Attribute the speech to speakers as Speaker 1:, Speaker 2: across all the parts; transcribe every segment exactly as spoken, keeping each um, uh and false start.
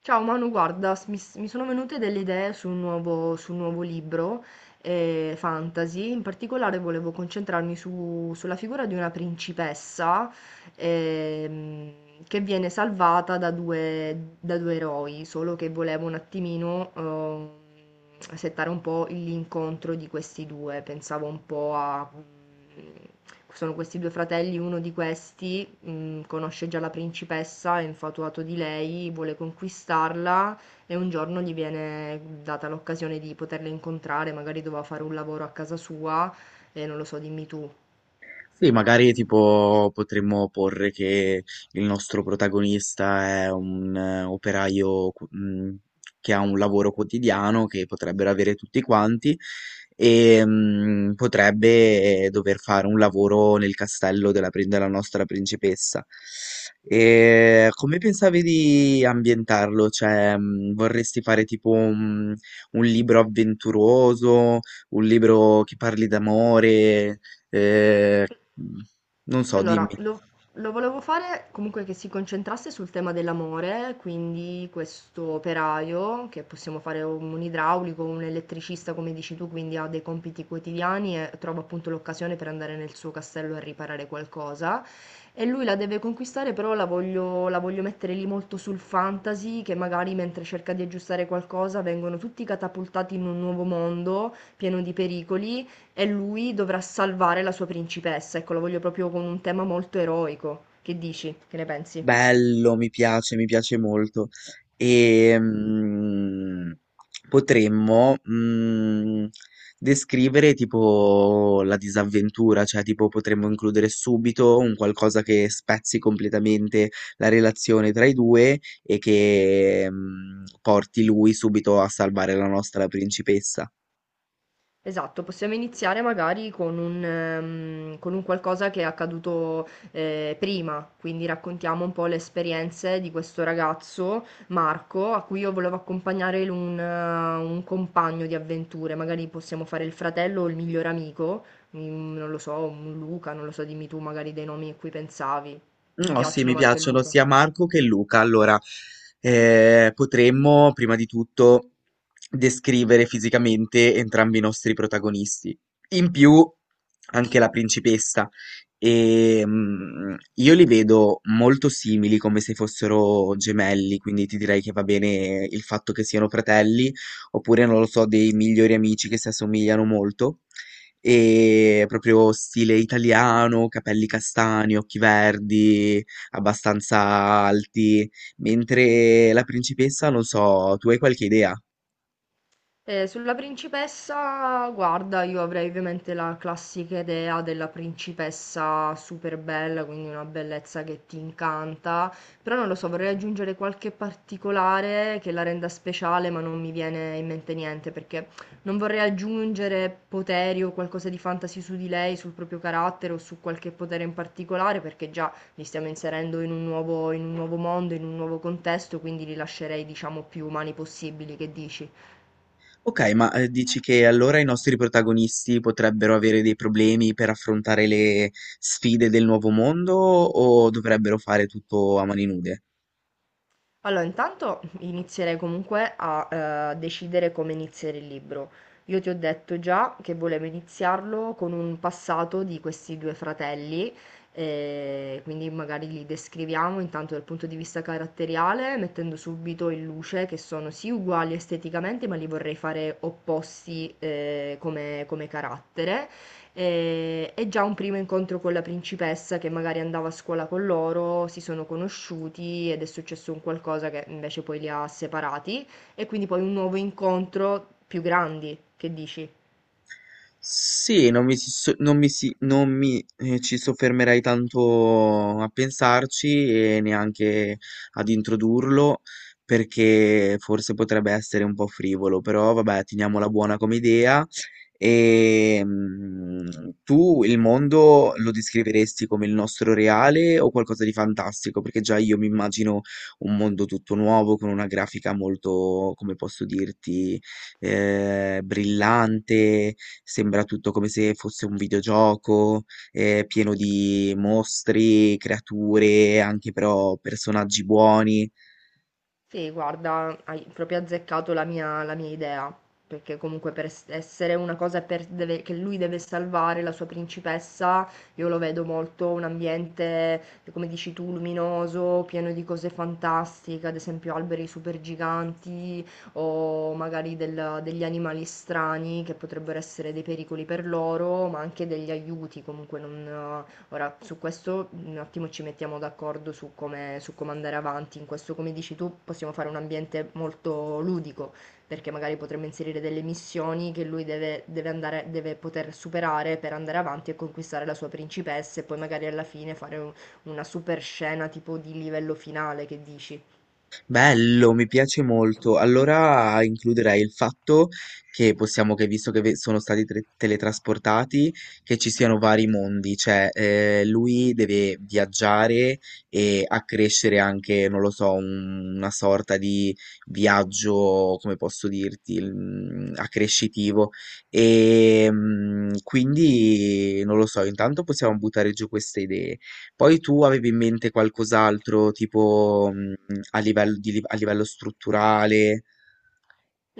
Speaker 1: Ciao Manu, guarda, s- mi, s- mi sono venute delle idee su un nuovo, su un nuovo libro eh, fantasy, in particolare volevo concentrarmi su- sulla figura di una principessa ehm, che viene salvata da due, da due eroi, solo che volevo un attimino ehm, settare un po' l'incontro di questi due, pensavo un po' a... mm, Sono questi due fratelli, uno di questi mh, conosce già la principessa, è infatuato di lei, vuole conquistarla e un giorno gli viene data l'occasione di poterla incontrare, magari doveva fare un lavoro a casa sua e non lo so, dimmi tu.
Speaker 2: Sì, magari tipo potremmo porre che il nostro protagonista è un eh, operaio cu- mh, che ha un lavoro quotidiano che potrebbero avere tutti quanti e mh, potrebbe eh, dover fare un lavoro nel castello della, prin- della nostra principessa. E come pensavi di ambientarlo? Cioè, mh, vorresti fare tipo un un libro avventuroso, un libro che parli d'amore? eh, mh, non so,
Speaker 1: Allora,
Speaker 2: dimmi,
Speaker 1: lo, lo volevo fare comunque che si concentrasse sul tema dell'amore, quindi questo operaio, che possiamo fare un, un idraulico, un elettricista, come dici tu, quindi ha dei compiti quotidiani e trova appunto l'occasione per andare nel suo castello a riparare qualcosa. E lui la deve conquistare, però la voglio, la voglio mettere lì molto sul fantasy, che magari mentre cerca di aggiustare qualcosa vengono tutti catapultati in un nuovo mondo pieno di pericoli e lui dovrà salvare la sua principessa, ecco, lo voglio proprio con un tema molto eroico. Che dici? Che ne pensi?
Speaker 2: bello, mi piace, mi piace molto. E mm, potremmo mm, descrivere tipo la disavventura, cioè tipo potremmo includere subito un qualcosa che spezzi completamente la relazione tra i due e che mm, porti lui subito a salvare la nostra principessa.
Speaker 1: Esatto, possiamo iniziare magari con un, ehm, con un qualcosa che è accaduto eh, prima, quindi raccontiamo un po' le esperienze di questo ragazzo, Marco, a cui io volevo accompagnare un, eh, un compagno di avventure, magari possiamo fare il fratello o il miglior amico, mm, non lo so, un Luca, non lo so, dimmi tu magari dei nomi a cui pensavi. Ti
Speaker 2: No, sì, mi
Speaker 1: piacciono Marco e
Speaker 2: piacciono
Speaker 1: Luca?
Speaker 2: sia Marco che Luca. Allora, eh, potremmo prima di tutto descrivere fisicamente entrambi i nostri protagonisti. In più, anche la principessa. E, mm, io li vedo molto simili, come se fossero gemelli, quindi ti direi che va bene il fatto che siano fratelli, oppure non lo so, dei migliori amici che si assomigliano molto. E proprio stile italiano, capelli castani, occhi verdi, abbastanza alti, mentre la principessa, non so, tu hai qualche idea?
Speaker 1: Eh, sulla principessa, guarda, io avrei ovviamente la classica idea della principessa super bella, quindi una bellezza che ti incanta, però non lo so, vorrei aggiungere qualche particolare che la renda speciale, ma non mi viene in mente niente, perché non vorrei aggiungere poteri o qualcosa di fantasy su di lei, sul proprio carattere o su qualche potere in particolare, perché già li stiamo inserendo in un nuovo, in un nuovo mondo, in un nuovo contesto, quindi li lascerei, diciamo, più umani possibili, che dici?
Speaker 2: Ok, ma eh, dici che allora i nostri protagonisti potrebbero avere dei problemi per affrontare le sfide del nuovo mondo o dovrebbero fare tutto a mani nude?
Speaker 1: Allora, intanto inizierei comunque a eh, decidere come iniziare il libro. Io ti ho detto già che volevo iniziarlo con un passato di questi due fratelli, eh, quindi magari li descriviamo intanto dal punto di vista caratteriale, mettendo subito in luce che sono sì uguali esteticamente, ma li vorrei fare opposti eh, come, come carattere e, e già un primo incontro con la principessa che magari andava a scuola con loro, si sono conosciuti ed è successo un qualcosa che invece poi li ha separati e quindi poi un nuovo incontro più grandi, che dici?
Speaker 2: Sì, non mi si so non mi si non mi, ehm, ci soffermerei tanto a pensarci e neanche ad introdurlo, perché forse potrebbe essere un po' frivolo, però vabbè teniamola buona come idea. Ehm, tu il mondo lo descriveresti come il nostro reale o qualcosa di fantastico? Perché già io mi immagino un mondo tutto nuovo con una grafica molto, come posso dirti eh, brillante, sembra tutto come se fosse un videogioco, eh, pieno di mostri, creature, anche però personaggi buoni.
Speaker 1: Sì, guarda, hai proprio azzeccato la mia, la mia idea, perché comunque per es- essere una cosa per- deve- che lui deve salvare la sua principessa, io lo vedo molto un ambiente, come dici tu, luminoso, pieno di cose fantastiche, ad esempio alberi super giganti o magari del- degli animali strani che potrebbero essere dei pericoli per loro, ma anche degli aiuti, comunque non, Ora, su questo un attimo ci mettiamo d'accordo su come, su come andare avanti. In questo, come dici tu, possiamo fare un ambiente molto ludico, perché magari potremmo inserire delle missioni che lui deve, deve andare, deve poter superare per andare avanti e conquistare la sua principessa e poi magari alla fine fare un- una super scena tipo di livello finale, che dici?
Speaker 2: Bello, mi piace molto. Allora includerei il fatto che possiamo, che visto che ve- sono stati tre- teletrasportati, che ci siano vari mondi, cioè eh, lui deve viaggiare e accrescere anche, non lo so, un- una sorta di viaggio, come posso dirti, mm, accrescitivo. E mm, quindi, non lo so, intanto possiamo buttare giù queste idee. Poi tu avevi in mente qualcos'altro, tipo, mhmm, a livello di, a livello strutturale?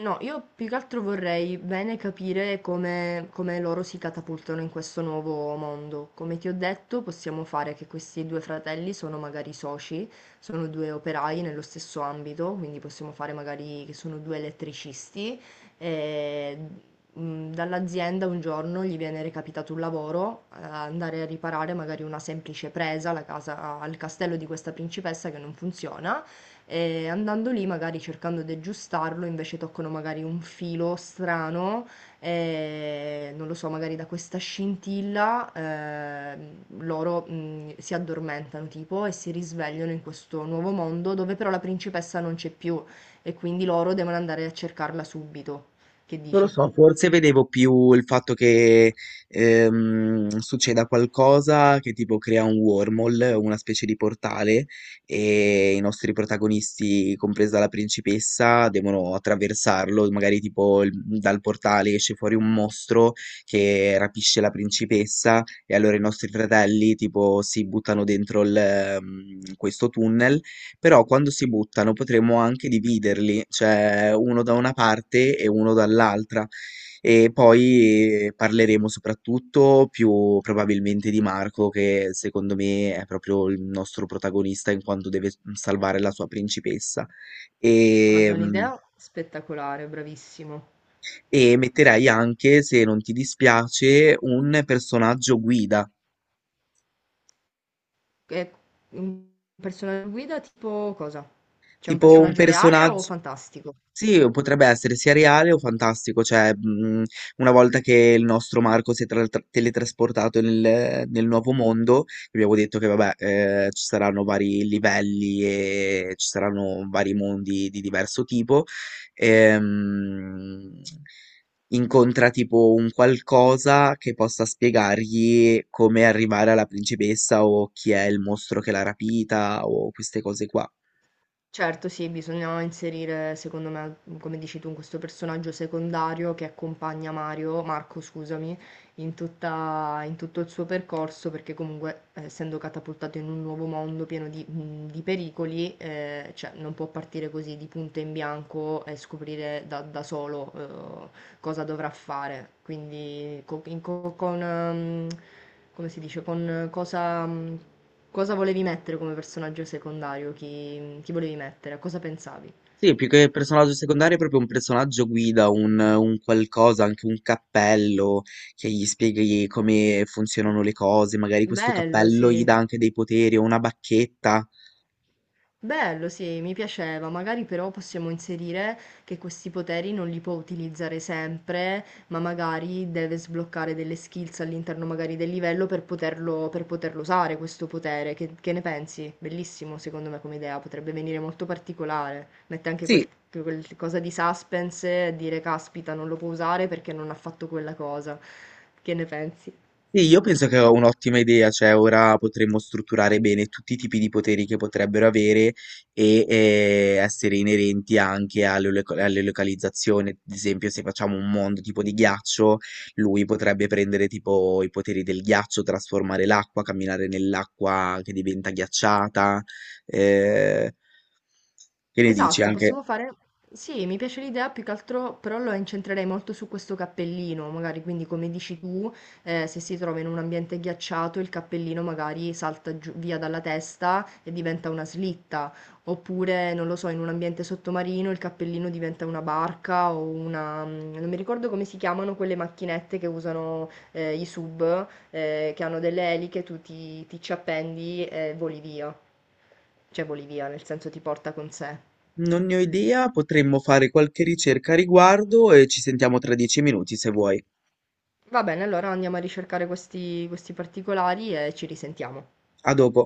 Speaker 1: No, io più che altro vorrei bene capire come, come loro si catapultano in questo nuovo mondo. Come ti ho detto, possiamo fare che questi due fratelli sono magari soci, sono due operai nello stesso ambito, quindi possiamo fare magari che sono due elettricisti e mh, dall'azienda un giorno gli viene recapitato un lavoro, eh, andare a riparare magari una semplice presa alla casa- al castello di questa principessa che non funziona. E andando lì, magari cercando di aggiustarlo, invece toccano magari un filo strano, e non lo so, magari da questa scintilla eh, loro mh, si addormentano tipo e si risvegliano in questo nuovo mondo dove però la principessa non c'è più e quindi loro devono andare a cercarla subito. Che
Speaker 2: Non lo
Speaker 1: dici?
Speaker 2: so, forse vedevo più il fatto che ehm, succeda qualcosa che tipo crea un wormhole, una specie di portale, e i nostri protagonisti, compresa la principessa, devono attraversarlo, magari tipo il- dal portale esce fuori un mostro che rapisce la principessa e allora i nostri fratelli tipo si buttano dentro il, ehm, questo tunnel però quando si buttano potremmo anche dividerli, cioè uno da una parte e uno dall'altra. E poi eh, parleremo soprattutto più probabilmente di Marco, che secondo me è proprio il nostro protagonista in quanto deve salvare la sua principessa.
Speaker 1: Guarda,
Speaker 2: E, mm,
Speaker 1: un'idea spettacolare, bravissimo.
Speaker 2: e
Speaker 1: Sì.
Speaker 2: metterei anche, se non ti dispiace, un personaggio guida,
Speaker 1: E un personaggio guida tipo cosa? C'è un
Speaker 2: tipo un
Speaker 1: personaggio reale o
Speaker 2: personaggio.
Speaker 1: fantastico?
Speaker 2: Sì, potrebbe essere sia reale o fantastico, cioè mh, una volta che il nostro Marco si è tra- tra- teletrasportato nel, nel nuovo mondo, abbiamo detto che vabbè, eh, ci saranno vari livelli e ci saranno vari mondi di diverso tipo, ehm, incontra tipo un qualcosa che possa spiegargli come arrivare alla principessa o chi è il mostro che l'ha rapita o queste cose qua.
Speaker 1: Certo sì, bisogna inserire secondo me, mhmm, come dici tu, questo personaggio secondario che accompagna Mario Marco scusami, in tutta in tutto il suo percorso, perché comunque eh, essendo catapultato in un nuovo mondo pieno di mhmm, di pericoli, ehm, cioè non può partire così di punto in bianco e scoprire da da solo, uhm, cosa dovrà fare. Quindi co in co con mhmm, come si dice, con eh, cosa mhmm Cosa volevi mettere come personaggio secondario? Chi, chi volevi mettere? A cosa pensavi?
Speaker 2: Sì, più che personaggio secondario, è proprio un personaggio guida, un, un qualcosa, anche un cappello che gli spieghi come funzionano le cose. Magari questo
Speaker 1: Bello,
Speaker 2: cappello gli
Speaker 1: sì.
Speaker 2: dà anche dei poteri o una bacchetta.
Speaker 1: Bello, sì, mi piaceva. Magari però possiamo inserire che questi poteri non li può utilizzare sempre, ma magari deve sbloccare delle skills all'interno magari del livello per poterlo, per poterlo usare questo potere. Che, che ne pensi? Bellissimo, secondo me, come idea. Potrebbe venire molto particolare. Mette anche quel,
Speaker 2: Sì,
Speaker 1: quel cosa di suspense e dire, caspita, non lo può usare perché non ha fatto quella cosa. Che ne pensi?
Speaker 2: sì, io penso che è un'ottima idea, cioè ora potremmo strutturare bene tutti i tipi di poteri che potrebbero avere e eh, essere inerenti anche alle, loca- alle localizzazioni. Ad esempio, se facciamo un mondo tipo di ghiaccio, lui potrebbe prendere tipo i poteri del ghiaccio, trasformare l'acqua, camminare nell'acqua che diventa ghiacciata. eh, che ne dici?
Speaker 1: Esatto,
Speaker 2: Anche...
Speaker 1: possiamo fare... Sì, mi piace l'idea più che altro, però lo incentrerei molto su questo cappellino, magari quindi come dici tu, eh, se si trova in un ambiente ghiacciato il cappellino magari salta giù- via dalla testa e diventa una slitta, oppure non lo so, in un ambiente sottomarino il cappellino diventa una barca o una... mm, non mi ricordo come si chiamano quelle macchinette che usano eh, i sub, eh, che hanno delle eliche, tu ti, ti ci appendi e voli via, cioè voli via, nel senso ti porta con sé.
Speaker 2: Non ne ho idea, potremmo fare qualche ricerca a riguardo e ci sentiamo tra dieci minuti se vuoi.
Speaker 1: Va bene, allora andiamo a ricercare questi, questi particolari e ci risentiamo.
Speaker 2: A dopo.